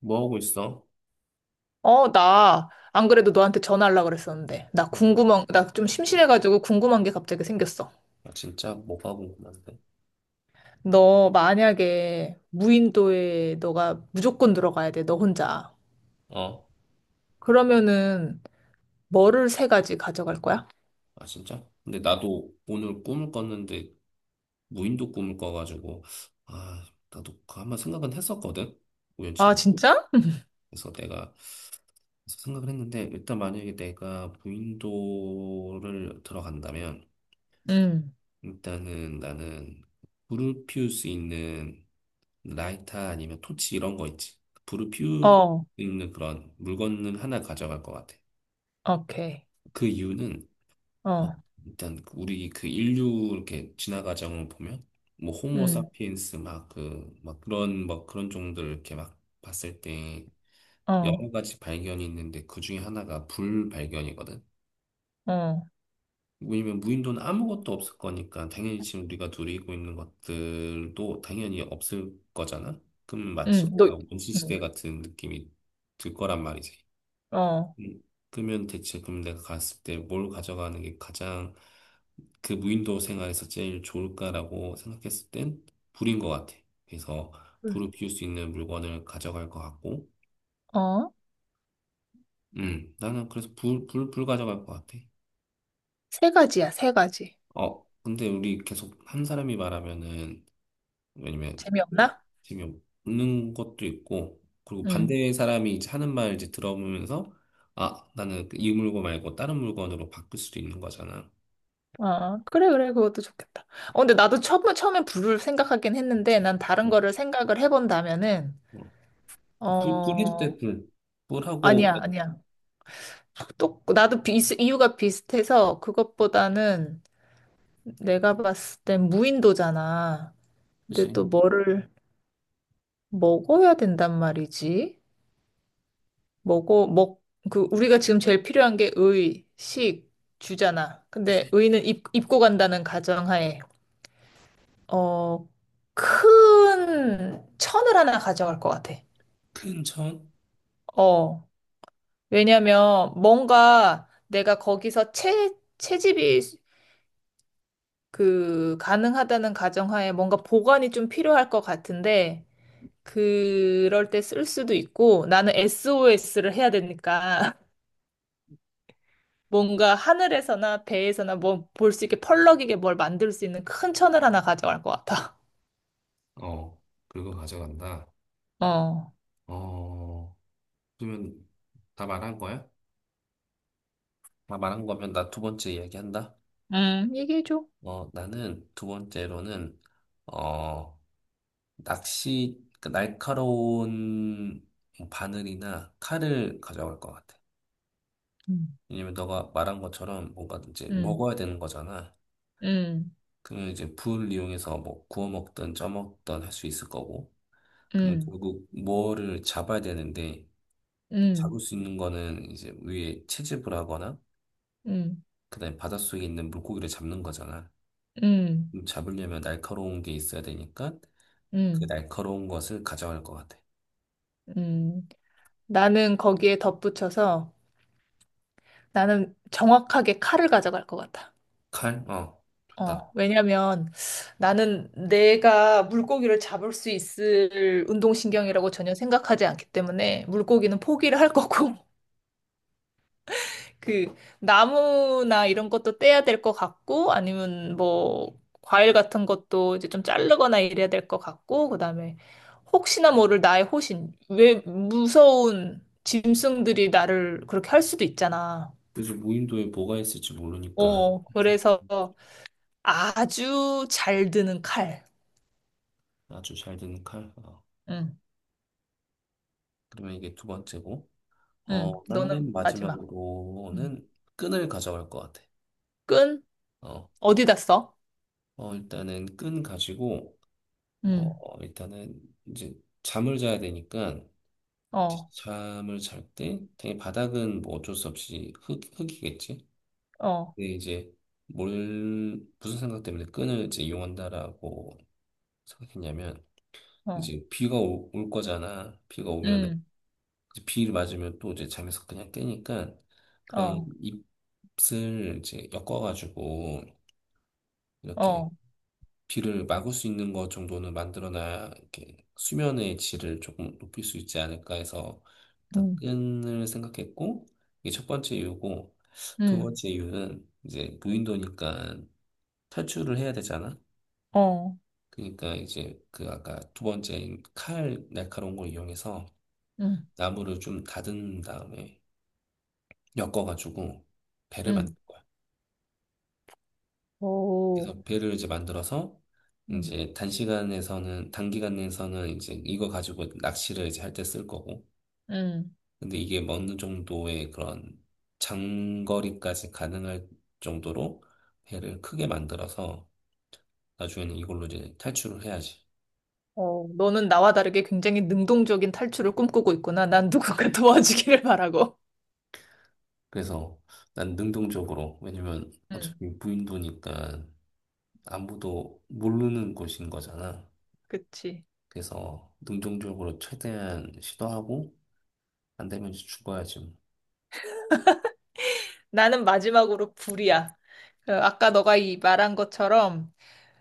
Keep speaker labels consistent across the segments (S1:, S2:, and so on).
S1: 뭐 하고 있어?
S2: 어, 나, 안 그래도 너한테 전화하려고 그랬었는데.
S1: 아, 진-
S2: 나 좀 심심해가지고 궁금한 게 갑자기 생겼어.
S1: 아, 진짜? 뭐 하고 있는데?
S2: 너 만약에 무인도에 너가 무조건 들어가야 돼, 너 혼자.
S1: 어?
S2: 그러면은 뭐를 세 가지 가져갈 거야?
S1: 아, 진짜? 근데 나도 오늘 꿈을 꿨는데 무인도 꿈을 꿔가지고 아, 나도 그 한번 생각은 했었거든?
S2: 아,
S1: 우연처럼.
S2: 진짜?
S1: 그래서 내가 그래서 생각을 했는데 일단 만약에 내가 무인도를 들어간다면
S2: 응.
S1: 일단은 나는 불을 피울 수 있는 라이터 아니면 토치 이런 거 있지. 불을 피울 수
S2: 어,
S1: 있는 그런 물건을 하나 가져갈 것 같아.
S2: 오케이.
S1: 그 이유는 아,
S2: 어,
S1: 일단 그 우리 그 인류 이렇게 진화 과정을 보면 뭐 호모
S2: 응,
S1: 사피엔스 막 그 막 그런 종들 이렇게 막 봤을 때
S2: 어,
S1: 여러 가지 발견이 있는데 그 중에 하나가 불 발견이거든.
S2: 어,
S1: 왜냐면 무인도는 아무것도 없을 거니까 당연히 지금 우리가 누리고 있는 것들도 당연히 없을 거잖아. 그럼 마치
S2: 응, 너,
S1: 거기가 원시
S2: 응,
S1: 시대 같은 느낌이 들 거란 말이지.
S2: 어,
S1: 음, 그러면 대체 그럼 내가 갔을 때 뭘 가져가는 게 가장 그 무인도 생활에서 제일 좋을까라고 생각했을 땐 불인 것 같아. 그래서 불을 피울 수 있는 물건을 가져갈 것 같고,
S2: 어,
S1: 나는 그래서 불, 불, 불 가져갈 것 같아.
S2: 세 가지야, 세 가지.
S1: 어, 근데 우리 계속 한 사람이 말하면은, 왜냐면, 그
S2: 재미없나?
S1: 지금 웃는 것도 있고, 그리고
S2: 응.
S1: 반대 사람이 이제 하는 말 이제 들어보면서, 아, 나는 그이 물건 말고 다른 물건으로 바꿀 수도 있는 거잖아.
S2: 아, 그래, 그래, 그것도 좋겠다. 어, 근데 나도 처음에 불을 생각하긴 했는데,
S1: 그치?
S2: 난 다른
S1: 뭐,
S2: 거를 생각을 해본다면은,
S1: 뭐. 아, 불, 불 해도 돼,
S2: 어,
S1: 불. 불하고,
S2: 아니야, 아니야. 또, 나도 비, 이유가 비슷해서, 그것보다는 내가 봤을 땐 무인도잖아. 근데 또
S1: 그치?
S2: 뭐를 먹어야 된단 말이지? 먹어, 먹, 그, 우리가 지금 제일 필요한 게 의, 식, 주잖아. 근데 의는 입고 간다는 가정하에. 어, 큰 천을 하나 가져갈 것 같아.
S1: 큰 천?
S2: 어. 왜냐면 뭔가 내가 거기서 채집이 그 가능하다는 가정하에 뭔가 보관이 좀 필요할 것 같은데 그럴 때 쓸 수도 있고 나는 SOS를 해야 되니까 뭔가 하늘에서나 배에서나 뭐 볼 수 있게 펄럭이게 뭘 만들 수 있는 큰 천을 하나 가져갈 것 같아.
S1: 어, 그리고 가져간다.
S2: 어.
S1: 어, 그러면 다 말한 거야? 다 말한 거면 나 두 번째 이야기한다.
S2: 얘기해줘.
S1: 나는 두 번째로는, 어, 낚시, 그 날카로운 바늘이나 칼을 가져갈 것 같아.
S2: 음,
S1: 왜냐면 너가 말한 것처럼 뭔가 이제
S2: 음,
S1: 먹어야 되는 거잖아.
S2: 음,
S1: 그러면 이제 불 이용해서 뭐 구워 먹든 쪄 먹든 할 수 있을 거고. 그러면
S2: 음,
S1: 결국 뭐를 잡아야 되는데, 잡을
S2: 음.
S1: 수 있는 거는 이제 위에 채집을 하거나
S2: 음.
S1: 그다음에 바닷속에 있는 물고기를 잡는 거잖아.
S2: 음,
S1: 그럼 잡으려면 날카로운 게 있어야 되니까 그
S2: 음,
S1: 날카로운 것을 가져갈 것 같아.
S2: 음. 나는 거기에 덧붙여서 나는 정확하게 칼을 가져갈 것 같아.
S1: 칼? 어, 좋다.
S2: 어, 왜냐면 나는 내가 물고기를 잡을 수 있을 운동신경이라고 전혀 생각하지 않기 때문에 물고기는 포기를 할 거고 그 나무나 이런 것도 떼야 될 것 같고 아니면 뭐 과일 같은 것도 이제 좀 자르거나 이래야 될 것 같고 그다음에 혹시나 모를 나의 호신 왜 무서운 짐승들이 나를 그렇게 할 수도 있잖아.
S1: 그래서 무인도에 뭐가 있을지 모르니까
S2: 어 그래서 아주 잘 드는 칼.
S1: 아주 잘 되는 칼. 어,
S2: 응,
S1: 그러면 이게 두 번째고.
S2: 응.
S1: 어, 난
S2: 너는
S1: 맨
S2: 마지막. 응.
S1: 마지막으로는 끈을 가져갈 것 같아.
S2: 끈
S1: 어,
S2: 어디다 써?
S1: 어 일단은 끈 가지고 어,
S2: 응.
S1: 일단은 이제 잠을 자야 되니까 이제
S2: 어,
S1: 잠을 잘 때, 당연히 바닥은 뭐 어쩔 수 없이 흙, 흙이겠지.
S2: 어,
S1: 근데 이제 뭘, 무슨 생각 때문에 끈을 이제 이용한다라고 생각했냐면,
S2: 어.
S1: 이제 올 거잖아. 비가 오면,
S2: 응.
S1: 이제 비를 맞으면 또 이제 잠에서 그냥 깨니까, 그런
S2: 어,
S1: 잎을 이제 엮어가지고, 이렇게
S2: 어.
S1: 비를 막을 수 있는 것 정도는 만들어놔야 이렇게 수면의 질을 조금 높일 수 있지 않을까 해서 일단
S2: 응.
S1: 끈을 생각했고 이게 첫 번째 이유고 두
S2: 응.
S1: 번째 이유는 이제 무인도니까 탈출을 해야 되잖아.
S2: 어.
S1: 그러니까 이제 그 아까 두 번째 칼 날카로운 걸 이용해서
S2: 응.
S1: 나무를 좀 다듬은 다음에 엮어가지고 배를 만든
S2: 응,
S1: 거야.
S2: 오,
S1: 그래서 배를 이제 만들어서
S2: 음.
S1: 이제 단시간에서는 단기간에서는 이제 이거 가지고 낚시를 이제 할 때 쓸 거고
S2: 응.
S1: 근데 이게 뭐 어느 정도의 그런 장거리까지 가능할 정도로 배를 크게 만들어서 나중에는 이걸로 이제 탈출을 해야지.
S2: 어, 너는 나와 다르게 굉장히 능동적인 탈출을 꿈꾸고 있구나. 난 누군가 도와주기를 바라고.
S1: 그래서 난 능동적으로 왜냐면
S2: 응.
S1: 어차피 무인도니까 아무도 모르는 곳인 거잖아.
S2: 그치.
S1: 그래서 능동적으로 최대한 시도하고 안 되면 이제 죽어야지. 뭐.
S2: 나는 마지막으로 불이야. 그 아까 너가 이 말한 것처럼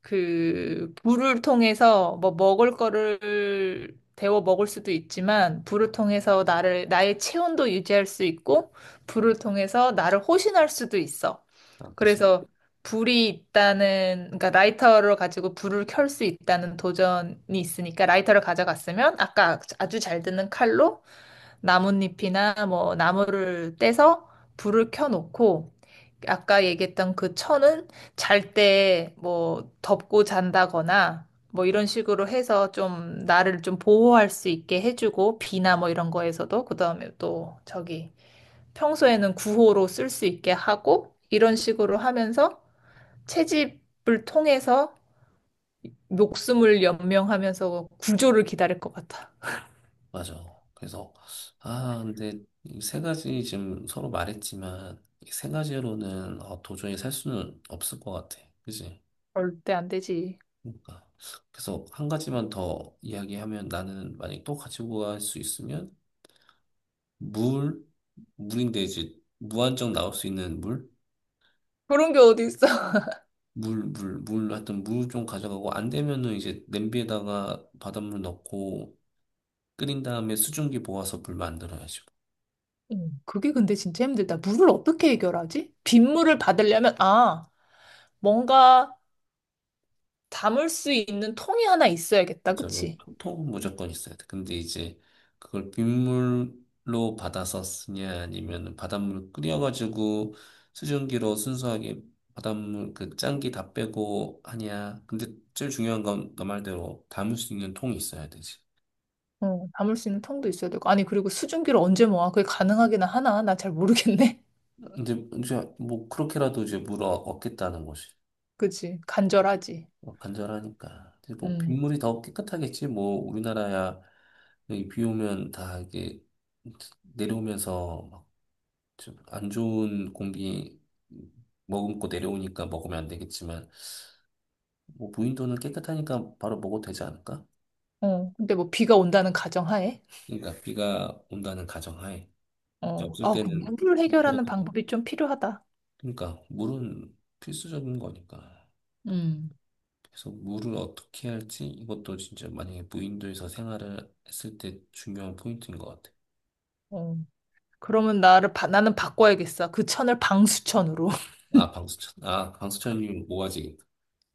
S2: 그 불을 통해서 뭐 먹을 거를 데워 먹을 수도 있지만 불을 통해서 나를 나의 체온도 유지할 수 있고 불을 통해서 나를 호신할 수도 있어.
S1: 아, 그치?
S2: 그래서 불이 있다는 그러니까 라이터를 가지고 불을 켤 수 있다는 도전이 있으니까 라이터를 가져갔으면 아까 아주 잘 드는 칼로 나뭇잎이나 뭐 나무를 떼서 불을 켜놓고 아까 얘기했던 그 천은 잘 때 뭐 덮고 잔다거나 뭐 이런 식으로 해서 좀 나를 좀 보호할 수 있게 해주고 비나 뭐 이런 거에서도 그다음에 또 저기 평소에는 구호로 쓸 수 있게 하고 이런 식으로 하면서 채집을 통해서 목숨을 연명하면서 구조를 기다릴 것 같아.
S1: 맞아. 그래서, 아, 근데 이 세 가지 지금 서로 말했지만, 이 세 가지로는 어, 도저히 살 수는 없을 것 같아. 그지?
S2: 절대 안 되지.
S1: 그러니까. 그래서 한 가지만 더 이야기하면 나는 만약 또 가지고 갈 수 있으면, 물, 물인데 이제 무한정 나올 수 있는 물?
S2: 그런 게 어디 있어?
S1: 물, 물, 물, 하여튼 물 좀 가져가고, 안 되면은 이제 냄비에다가 바닷물 넣고, 끓인 다음에 수증기 모아서 물 만들어야지.
S2: 어, 그게 근데 진짜 힘들다. 물을 어떻게 해결하지? 빗물을 받으려면, 아, 뭔가 담을 수 있는 통이 하나 있어야겠다.
S1: 맞아, 뭐,
S2: 그치?
S1: 통은 무조건 있어야 돼. 근데 이제 그걸 빗물로 받아서 쓰냐, 아니면 바닷물 끓여가지고 수증기로 순수하게 바닷물 그 짠기 다 빼고 하냐. 근데 제일 중요한 건 너 말대로 담을 수 있는 통이 있어야 되지.
S2: 어, 담을 수 있는 통도 있어야 되고. 아니, 그리고 수증기를 언제 모아? 그게 가능하긴 하나? 나 잘 모르겠네.
S1: 근데 이제 뭐 그렇게라도 이제 물어 얻겠다는 것이
S2: 그치? 간절하지.
S1: 뭐 간절하니까. 근데 뭐
S2: 음.
S1: 빗물이 더 깨끗하겠지. 뭐 우리나라야 여기 비 오면 다 이게 내려오면서 좀안 좋은 공기 머금고 내려오니까 먹으면 안 되겠지만, 뭐 무인도는 깨끗하니까 바로 먹어도 되지 않을까?
S2: 어, 근데 뭐 비가 온다는 가정하에.
S1: 그러니까 비가 온다는 가정하에 이제
S2: 어,
S1: 없을
S2: 어, 그
S1: 때는
S2: 물을 해결하는
S1: 그렇게라도
S2: 방법이 좀 필요하다.
S1: 그러니까 물은 필수적인 거니까.
S2: 음.
S1: 그래서 물을 어떻게 할지 이것도 진짜 만약에 무인도에서 생활을 했을 때 중요한 포인트인 것 같아.
S2: 어. 그러면 나는 바꿔야겠어. 그 천을 방수천으로.
S1: 아 방수천 아 방수천이 모아지.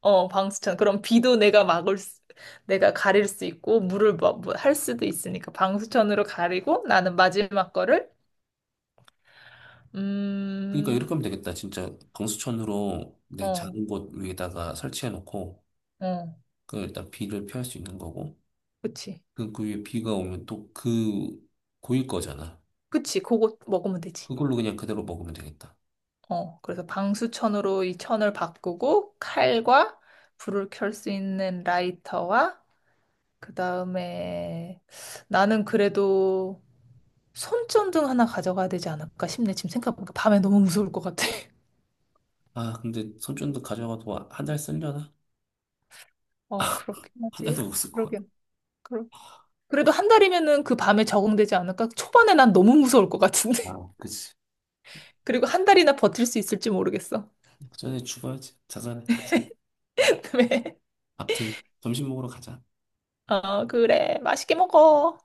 S2: 어, 방수천. 그럼 비도 내가 내가 가릴 수 있고, 물을 뭐, 뭐 할 수도 있으니까, 방수천으로 가리고, 나는 마지막 거를,
S1: 그러니까
S2: 음,
S1: 이렇게 하면 되겠다. 진짜 방수천으로 내
S2: 어,
S1: 작은 곳 위에다가 설치해 놓고.
S2: 어,
S1: 그 일단 비를 피할 수 있는 거고
S2: 그치.
S1: 그, 그 위에 비가 오면 또 그 고일 거잖아.
S2: 그치. 그거 먹으면 되지.
S1: 그걸로 그냥 그대로 먹으면 되겠다.
S2: 어, 그래서 방수천으로 이 천을 바꾸고, 칼과 불을 켤 수 있는 라이터와, 그 다음에, 나는 그래도 손전등 하나 가져가야 되지 않을까 싶네. 지금 생각해보니까 밤에 너무 무서울 것 같아.
S1: 아 근데 손전등 가져가도 한 달 쓰려나?
S2: 어, 그렇긴
S1: 한 달도
S2: 하지.
S1: 못 쓸 거야.
S2: 그러긴. 그래도 한 달이면은 그 밤에 적응되지 않을까? 초반에 난 너무 무서울 것 같은데.
S1: 아 그치.
S2: 그리고 한 달이나 버틸 수 있을지 모르겠어.
S1: 전에 죽어야지. 자산해
S2: 왜?
S1: 아무튼 점심 먹으러 가자.
S2: 어, 그래. 맛있게 먹어.